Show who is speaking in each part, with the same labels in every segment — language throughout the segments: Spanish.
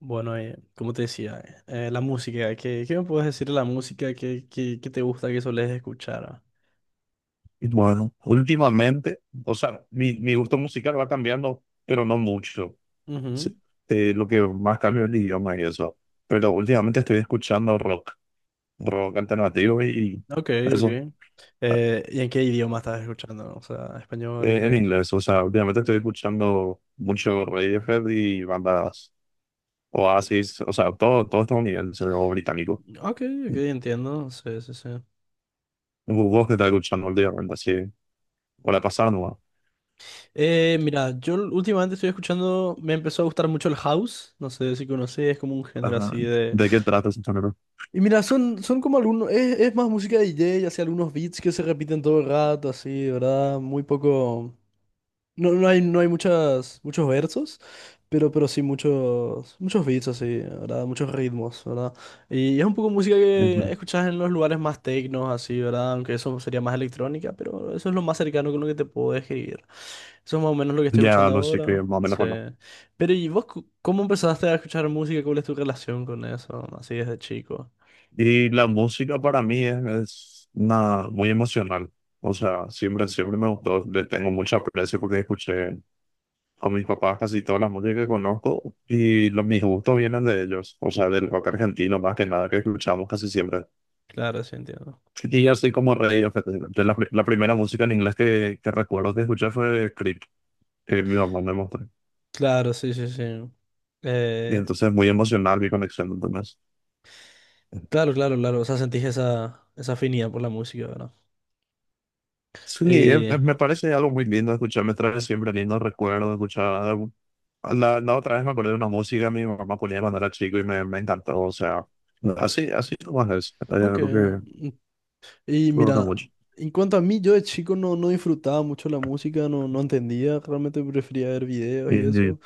Speaker 1: Bueno, como te decía, la música, qué me puedes decir de la música que te gusta que solés escuchar?
Speaker 2: Bueno, últimamente, o sea, mi gusto musical va cambiando, pero no mucho.
Speaker 1: Ujú.
Speaker 2: Sí, lo que más cambia es el idioma y eso. Pero últimamente estoy escuchando rock, rock alternativo y
Speaker 1: Ok,
Speaker 2: eso,
Speaker 1: ok. ¿Y en qué idioma estás escuchando? O sea, español,
Speaker 2: en
Speaker 1: inglés.
Speaker 2: inglés. O sea, últimamente estoy escuchando mucho Radiohead y bandas Oasis, o sea, todo estadounidense o británico.
Speaker 1: Ok, ok, entiendo. Sí, sí, sí.
Speaker 2: ¿Vos qué estás escuchando últimamente? Así, o la pasada, ¿no?
Speaker 1: Mira, últimamente estoy escuchando, me empezó a gustar mucho el house, no sé si conoces, es como un género
Speaker 2: Ajá.
Speaker 1: así de...
Speaker 2: ¿De qué trata ese género?
Speaker 1: Y mira, son como algunos, es más música de DJ, así algunos beats que se repiten todo el rato, así, ¿verdad? Muy poco... no hay muchos versos, pero sí muchos beats así, ¿verdad? Muchos ritmos, ¿verdad? Y es un poco música
Speaker 2: Ujú.
Speaker 1: que escuchas en los lugares más tecnos, así, ¿verdad? Aunque eso sería más electrónica, pero eso es lo más cercano con lo que te puedo describir. Eso es más o menos lo que estoy
Speaker 2: Ya,
Speaker 1: escuchando
Speaker 2: no sé
Speaker 1: ahora.
Speaker 2: qué, más o menos.
Speaker 1: Sí. Pero ¿y vos cómo empezaste a escuchar música? ¿Cuál es tu relación con eso? Así desde chico.
Speaker 2: Y la música para mí es una, muy emocional. O sea, siempre, siempre me gustó. Le tengo mucha aprecio porque escuché a mis papás casi toda la música que conozco y los, mis gustos vienen de ellos. O sea, del rock argentino más que nada que escuchamos casi siempre.
Speaker 1: Claro, sí, entiendo.
Speaker 2: Y yo soy como rey. O sea, de la primera música en inglés que recuerdo que escuché fue Creep, que mi mamá me mostró.
Speaker 1: Claro, sí, sí, sí.
Speaker 2: Y
Speaker 1: Eh,
Speaker 2: entonces muy emocional mi conexión, entonces.
Speaker 1: claro, claro, claro. O sea, sentís esa afinidad por la música, ¿verdad?
Speaker 2: Sí,
Speaker 1: Eh,
Speaker 2: me parece algo muy lindo escuchar, me trae siempre lindos recuerdos, escuchar. La otra vez me acordé de una música que mi mamá ponía cuando era chico y me encantó. O sea, no, así, así nomás es.
Speaker 1: ok.
Speaker 2: Lo que
Speaker 1: Y
Speaker 2: fue una
Speaker 1: mira,
Speaker 2: mucho.
Speaker 1: en cuanto a mí, yo de chico no disfrutaba mucho la música, no entendía, realmente prefería ver videos
Speaker 2: Y-
Speaker 1: y
Speaker 2: y-
Speaker 1: eso.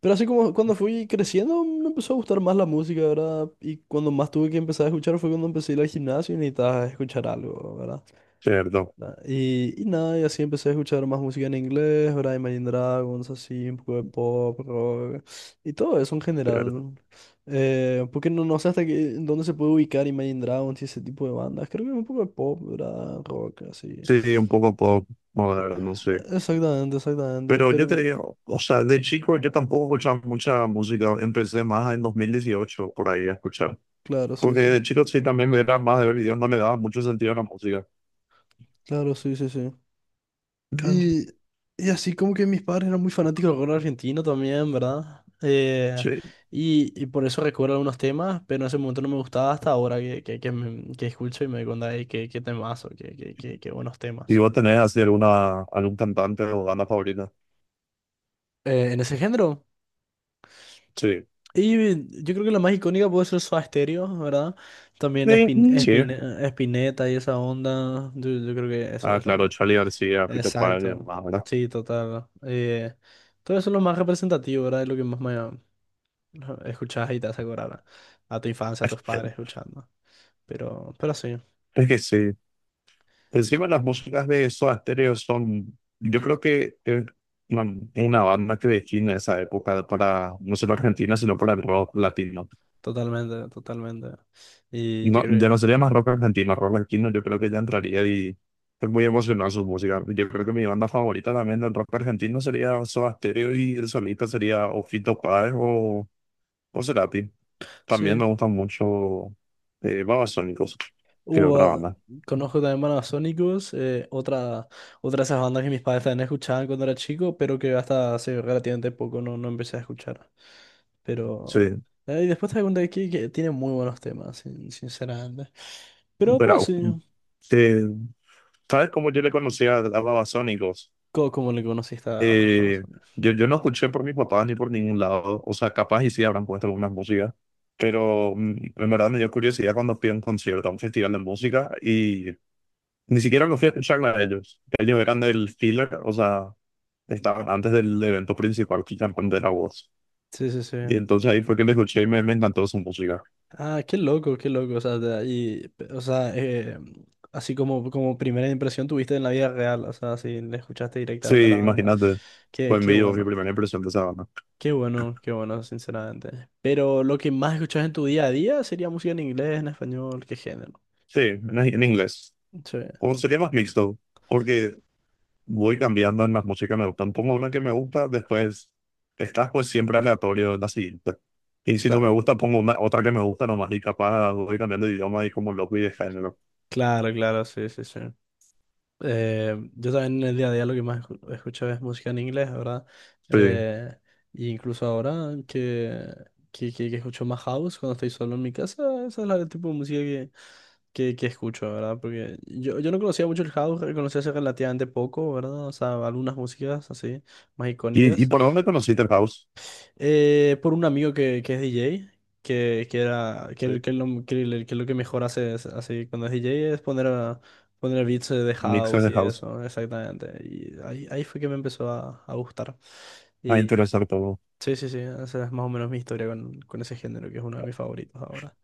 Speaker 1: Pero así como cuando fui creciendo, me empezó a gustar más la música, ¿verdad? Y cuando más tuve que empezar a escuchar fue cuando empecé a ir al gimnasio y necesitaba escuchar algo, ¿verdad?
Speaker 2: Cierto,
Speaker 1: Y nada, y así empecé a escuchar más música en inglés, ¿verdad? Imagine Dragons, así, un poco de pop, rock, y todo eso en
Speaker 2: cierto.
Speaker 1: general. Porque no sé hasta qué, en dónde se puede ubicar Imagine Dragons y ese tipo de bandas. Creo que un poco de pop, ¿verdad? Rock, así.
Speaker 2: Sí, un poco pop moderno, sí.
Speaker 1: Exactamente, exactamente,
Speaker 2: Pero yo te
Speaker 1: pero
Speaker 2: digo, o sea, de chico yo tampoco escuchaba mucha música. Empecé más en 2018 por ahí a escuchar.
Speaker 1: claro, sí,
Speaker 2: Porque
Speaker 1: sí.
Speaker 2: de chico sí también me era más de ver videos, no le daba mucho sentido a la música.
Speaker 1: Claro, sí, sí, sí.
Speaker 2: Claro.
Speaker 1: Y, y así como que mis padres eran muy fanáticos del rock argentino también, ¿verdad?
Speaker 2: Sí.
Speaker 1: Y por eso recuerdo algunos temas, pero en ese momento no me gustaba hasta ahora que escucho y me doy cuenta de qué temazo, qué buenos
Speaker 2: ¿Y
Speaker 1: temas.
Speaker 2: vos tenés así alguna, algún cantante o banda favorita?
Speaker 1: En ese género.
Speaker 2: Sí.
Speaker 1: Y yo creo que la más icónica puede ser Soda Stereo, ¿verdad? También
Speaker 2: Sí. Sí.
Speaker 1: Spinetta y esa onda. Yo creo que eso
Speaker 2: Ah,
Speaker 1: es lo
Speaker 2: claro,
Speaker 1: más.
Speaker 2: Charlie García, Peter Pan y
Speaker 1: Exacto.
Speaker 2: demás, ¿verdad?
Speaker 1: Sí, total. Todo eso es lo más representativo, ¿verdad? Es lo que más me... Escuchas y te hace acordar a tu infancia, a tus padres escuchando. Pero sí,
Speaker 2: Es que sí. Encima las músicas de Soda Stereo son, yo creo que es una, una banda que define esa época para, no solo Argentina, sino para el rock latino.
Speaker 1: totalmente, totalmente. Y yo
Speaker 2: No,
Speaker 1: creo
Speaker 2: ya no
Speaker 1: que
Speaker 2: sería más rock argentino, rock latino yo creo que ya entraría y es muy emocionante su música. Yo creo que mi banda favorita también del rock argentino sería Soda Stereo y el solista sería o Fito Páez o Cerati. También
Speaker 1: sí.
Speaker 2: me gustan mucho Babasónicos, que es otra
Speaker 1: Ah,
Speaker 2: banda.
Speaker 1: conozco también bandas Sonicus, otra, otra de esas bandas que mis padres también escuchaban cuando era chico, pero que hasta hace relativamente poco no empecé a escuchar.
Speaker 2: Sí,
Speaker 1: Pero. Eh, y después te das cuenta que tiene muy buenos temas, sinceramente. Pero
Speaker 2: pero
Speaker 1: sí,
Speaker 2: eh, ¿sabes cómo yo le conocía a Babasónicos?
Speaker 1: como le conociste a...
Speaker 2: Eh, yo no escuché por mis papás ni por ningún lado, o sea, capaz y sí habrán puesto algunas músicas, pero en verdad me dio curiosidad cuando fui a un concierto, a un festival de música, y ni siquiera los fui a escuchar a ellos. Ellos eran del filler, o sea, estaban antes del evento principal, que ya la voz.
Speaker 1: Sí, sí, sí.
Speaker 2: Y entonces ahí fue que le escuché y me encantó su música.
Speaker 1: Ah, qué loco, qué loco. O sea, de ahí, o sea, así como primera impresión tuviste en la vida real, o sea, si le escuchaste directamente a
Speaker 2: Sí,
Speaker 1: la banda.
Speaker 2: imagínate. Fue en
Speaker 1: Qué
Speaker 2: vivo mi
Speaker 1: bueno,
Speaker 2: primera impresión de esa banda.
Speaker 1: qué bueno, qué bueno, sinceramente. Pero lo que más escuchas en tu día a día sería música en inglés, en español, qué género.
Speaker 2: Sí, en inglés.
Speaker 1: Sí,
Speaker 2: O sería más mixto, porque voy cambiando en las músicas que me gustan. Pongo una que me gusta, después estás pues siempre aleatorio en la siguiente. Y si no me
Speaker 1: claro.
Speaker 2: gusta, pongo una, otra que me gusta nomás y capaz voy cambiando de idioma y como loco y de género.
Speaker 1: Claro, claro, sí, sí, sí. Yo también en el día a día lo que más escucho es música en inglés, ¿verdad?
Speaker 2: Sí.
Speaker 1: Eh, y incluso ahora que escucho más house cuando estoy solo en mi casa, esa es el tipo de música que escucho, ¿verdad? Porque yo no conocía mucho el house, conocí hace relativamente poco, ¿verdad? O sea, algunas músicas así, más
Speaker 2: ¿Y
Speaker 1: icónicas,
Speaker 2: por dónde conociste el house?
Speaker 1: por un amigo que es DJ, que era, que,
Speaker 2: Sí,
Speaker 1: el- que él lo, que, el- que lo que mejor hace así cuando es DJ es poner, poner beats de
Speaker 2: mixes
Speaker 1: house
Speaker 2: de
Speaker 1: y
Speaker 2: house.
Speaker 1: eso, exactamente. Y ahí fue que me empezó a gustar.
Speaker 2: Va a
Speaker 1: Y
Speaker 2: interesar todo.
Speaker 1: sí, sí, sí, esa es más o menos mi historia con ese género, que es uno de mis favoritos ahora.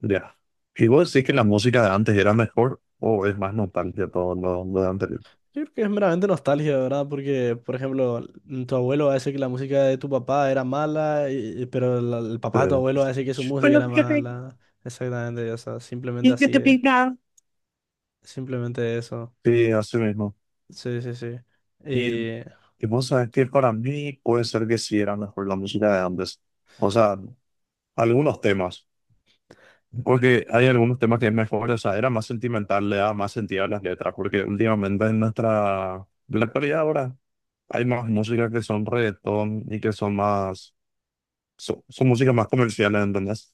Speaker 2: Ya. ¿Y vos decís que la música de antes era mejor o es más nostalgia todo lo de anterior?
Speaker 1: Yo creo que es meramente nostalgia, ¿verdad? Porque, por ejemplo, tu abuelo va a decir que la música de tu papá era mala, pero el papá de tu
Speaker 2: Eh,
Speaker 1: abuelo va a decir que su música
Speaker 2: Bueno,
Speaker 1: era
Speaker 2: yo
Speaker 1: mala. Exactamente, o sea, simplemente
Speaker 2: y yo
Speaker 1: así.
Speaker 2: te
Speaker 1: Es.
Speaker 2: pintaba.
Speaker 1: Simplemente eso.
Speaker 2: Sí, así mismo.
Speaker 1: Sí, sí, sí.
Speaker 2: Y,
Speaker 1: Eh,
Speaker 2: y vos sabés que para mí puede ser que sí era mejor la música de antes. O sea, algunos temas. Porque hay algunos temas que es mejor, o sea, era más sentimental, le daba más sentido a las letras. Porque últimamente en nuestra, en la actualidad ahora, hay más música que son reggaetón y que son más, son, son músicas más comerciales, ¿entendés?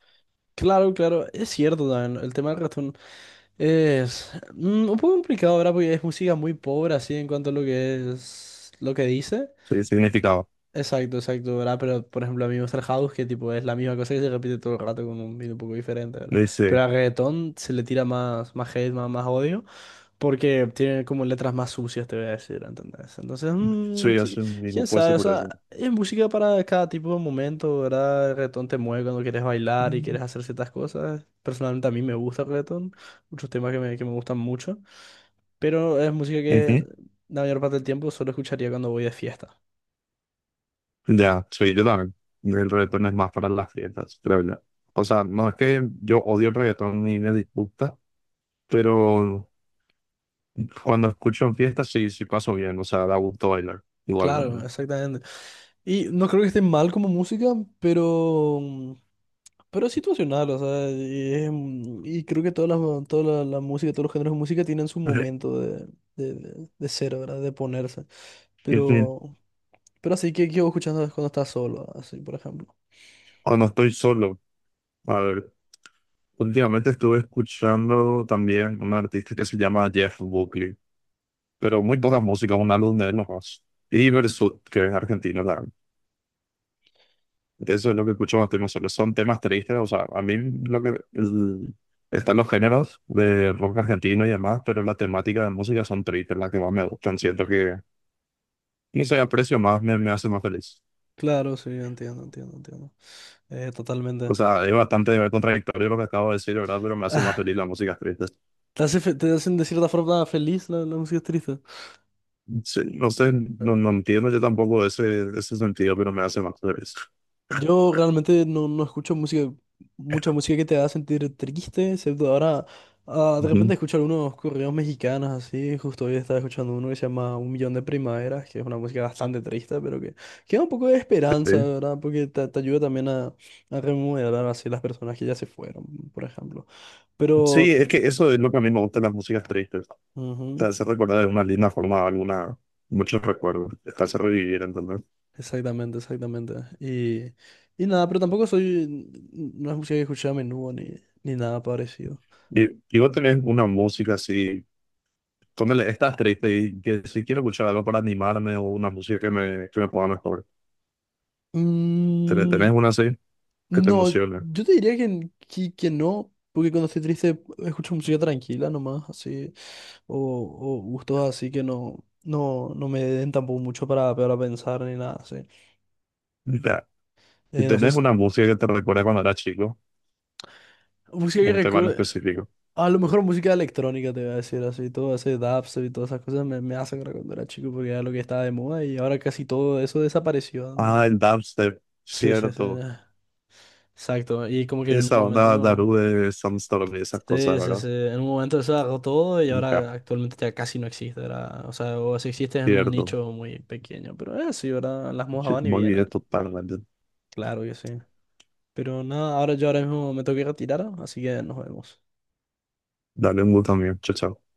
Speaker 1: claro, claro, es cierto también. El tema del reggaetón es un poco complicado, ¿verdad? Porque es música muy pobre así en cuanto a lo que es lo que dice.
Speaker 2: Sí, significaba.
Speaker 1: Exacto, exacto, ¿verdad? Pero por ejemplo a mí me gusta el house que tipo es la misma cosa que se repite todo el rato con un beat un poco diferente, ¿verdad?
Speaker 2: Le
Speaker 1: Pero
Speaker 2: Dice,
Speaker 1: al reggaetón se le tira más, más hate, más odio. Porque tiene como letras más sucias, te voy a decir, ¿entendés? Entonces,
Speaker 2: soy hace un mismo
Speaker 1: quién
Speaker 2: puesto
Speaker 1: sabe, o
Speaker 2: por eso.
Speaker 1: sea, es música para cada tipo de momento, ¿verdad? El reggaetón te mueve cuando quieres bailar y
Speaker 2: Ujú.
Speaker 1: quieres hacer ciertas cosas. Personalmente a mí me gusta el reggaetón, muchos temas que me gustan mucho, pero es música que la mayor parte del tiempo solo escucharía cuando voy de fiesta.
Speaker 2: Ya, sí, yo también. El reggaetón es más para las fiestas, creo yo. O sea, no es que yo odio el reggaetón ni me disgusta, pero cuando escucho en fiestas sí, sí paso bien. O sea, da gusto bailar,
Speaker 1: Claro,
Speaker 2: igualmente.
Speaker 1: exactamente. Y no creo que esté mal como música, pero mm. Pero es situacional, o sea, y creo que todas las, toda la música, todos los géneros de música tienen su
Speaker 2: Ujú.
Speaker 1: momento de ser, ¿verdad? De ponerse.
Speaker 2: En fin,
Speaker 1: Pero, pero así que yo escuchando es cuando estás solo, así, por ejemplo.
Speaker 2: cuando estoy solo, a ver, últimamente estuve escuchando también un artista que se llama Jeff Buckley, pero muy poca música, un álbum de él nomás. Y Versus, que es argentino, eso es lo que escucho más temas solo. Son temas tristes, o sea, a mí lo que el- están los géneros de rock argentino y demás, pero la temática de música son tristes, las que más me gustan. Siento que, no sé, aprecio más, me hace más feliz.
Speaker 1: Claro, sí, entiendo, entiendo, entiendo.
Speaker 2: O
Speaker 1: Totalmente.
Speaker 2: sea, es bastante contradictorio lo que acabo de decir, ¿verdad? Pero me hace más
Speaker 1: Ah,
Speaker 2: feliz la música triste.
Speaker 1: te hace te hacen de cierta forma feliz la música triste.
Speaker 2: Sí, no sé, no, no entiendo yo tampoco ese sentido, pero me hace más feliz.
Speaker 1: Yo realmente no escucho música, mucha música que te haga sentir triste, excepto ahora, ah, de
Speaker 2: Ujú,
Speaker 1: repente escucho algunos corridos mexicanos así, justo hoy estaba escuchando uno que se llama Un Millón de Primaveras, que es una música bastante triste, que da un poco de esperanza,
Speaker 2: sí,
Speaker 1: ¿verdad? Porque te ayuda también a remodelar así las personas que ya se fueron, por ejemplo. Pero,
Speaker 2: sí, es que eso es lo que a mí me gusta de las músicas tristes. Te
Speaker 1: ujú,
Speaker 2: hace recordar de una linda forma alguna, muchos recuerdos, te hace revivir, ¿entendés?
Speaker 1: exactamente, exactamente. Y, y nada, pero tampoco soy, no es música que escuché a menudo ni, ni nada parecido.
Speaker 2: Y vos tenés una música así, ponele, estás triste y que si quiero escuchar algo para animarme o una música que que me ponga mejor. ¿Tenés
Speaker 1: Mm.
Speaker 2: una así que te
Speaker 1: No,
Speaker 2: emocione?
Speaker 1: yo te diría que no, porque cuando estoy triste escucho música tranquila nomás, así, o, o gustos así que no me den tampoco mucho para pensar ni nada, así.
Speaker 2: Ya. Y
Speaker 1: No sé,
Speaker 2: tenés una música que te recuerda cuando eras chico,
Speaker 1: música que
Speaker 2: un tema en
Speaker 1: recuerde,
Speaker 2: específico.
Speaker 1: a lo mejor música electrónica te voy a decir, así, todo ese dubstep y todas esas cosas me, me hacen recordar cuando era chico, porque era lo que estaba de moda y ahora casi todo eso desapareció, ¿no?
Speaker 2: Ah, el dubstep,
Speaker 1: Sí, sí, sí,
Speaker 2: cierto.
Speaker 1: exacto, y como que en un
Speaker 2: Esa
Speaker 1: momento...
Speaker 2: onda
Speaker 1: ¿no?
Speaker 2: Daru de Sandstorm y esas cosas,
Speaker 1: Sí, sí,
Speaker 2: ¿verdad?
Speaker 1: sí. En un momento se agarró todo y
Speaker 2: Hija,
Speaker 1: ahora actualmente ya casi no existe, ¿verdad? O sea, o si existe es en un
Speaker 2: cierto.
Speaker 1: nicho muy pequeño. Pero sí, ¿verdad? Las mojas
Speaker 2: Sí,
Speaker 1: van y
Speaker 2: muy bien,
Speaker 1: vienen.
Speaker 2: totalmente.
Speaker 1: Claro que sí. Pero nada, ahora yo ahora mismo me tengo que retirar, así que nos vemos.
Speaker 2: Dale un gusto mío. Chao, chao.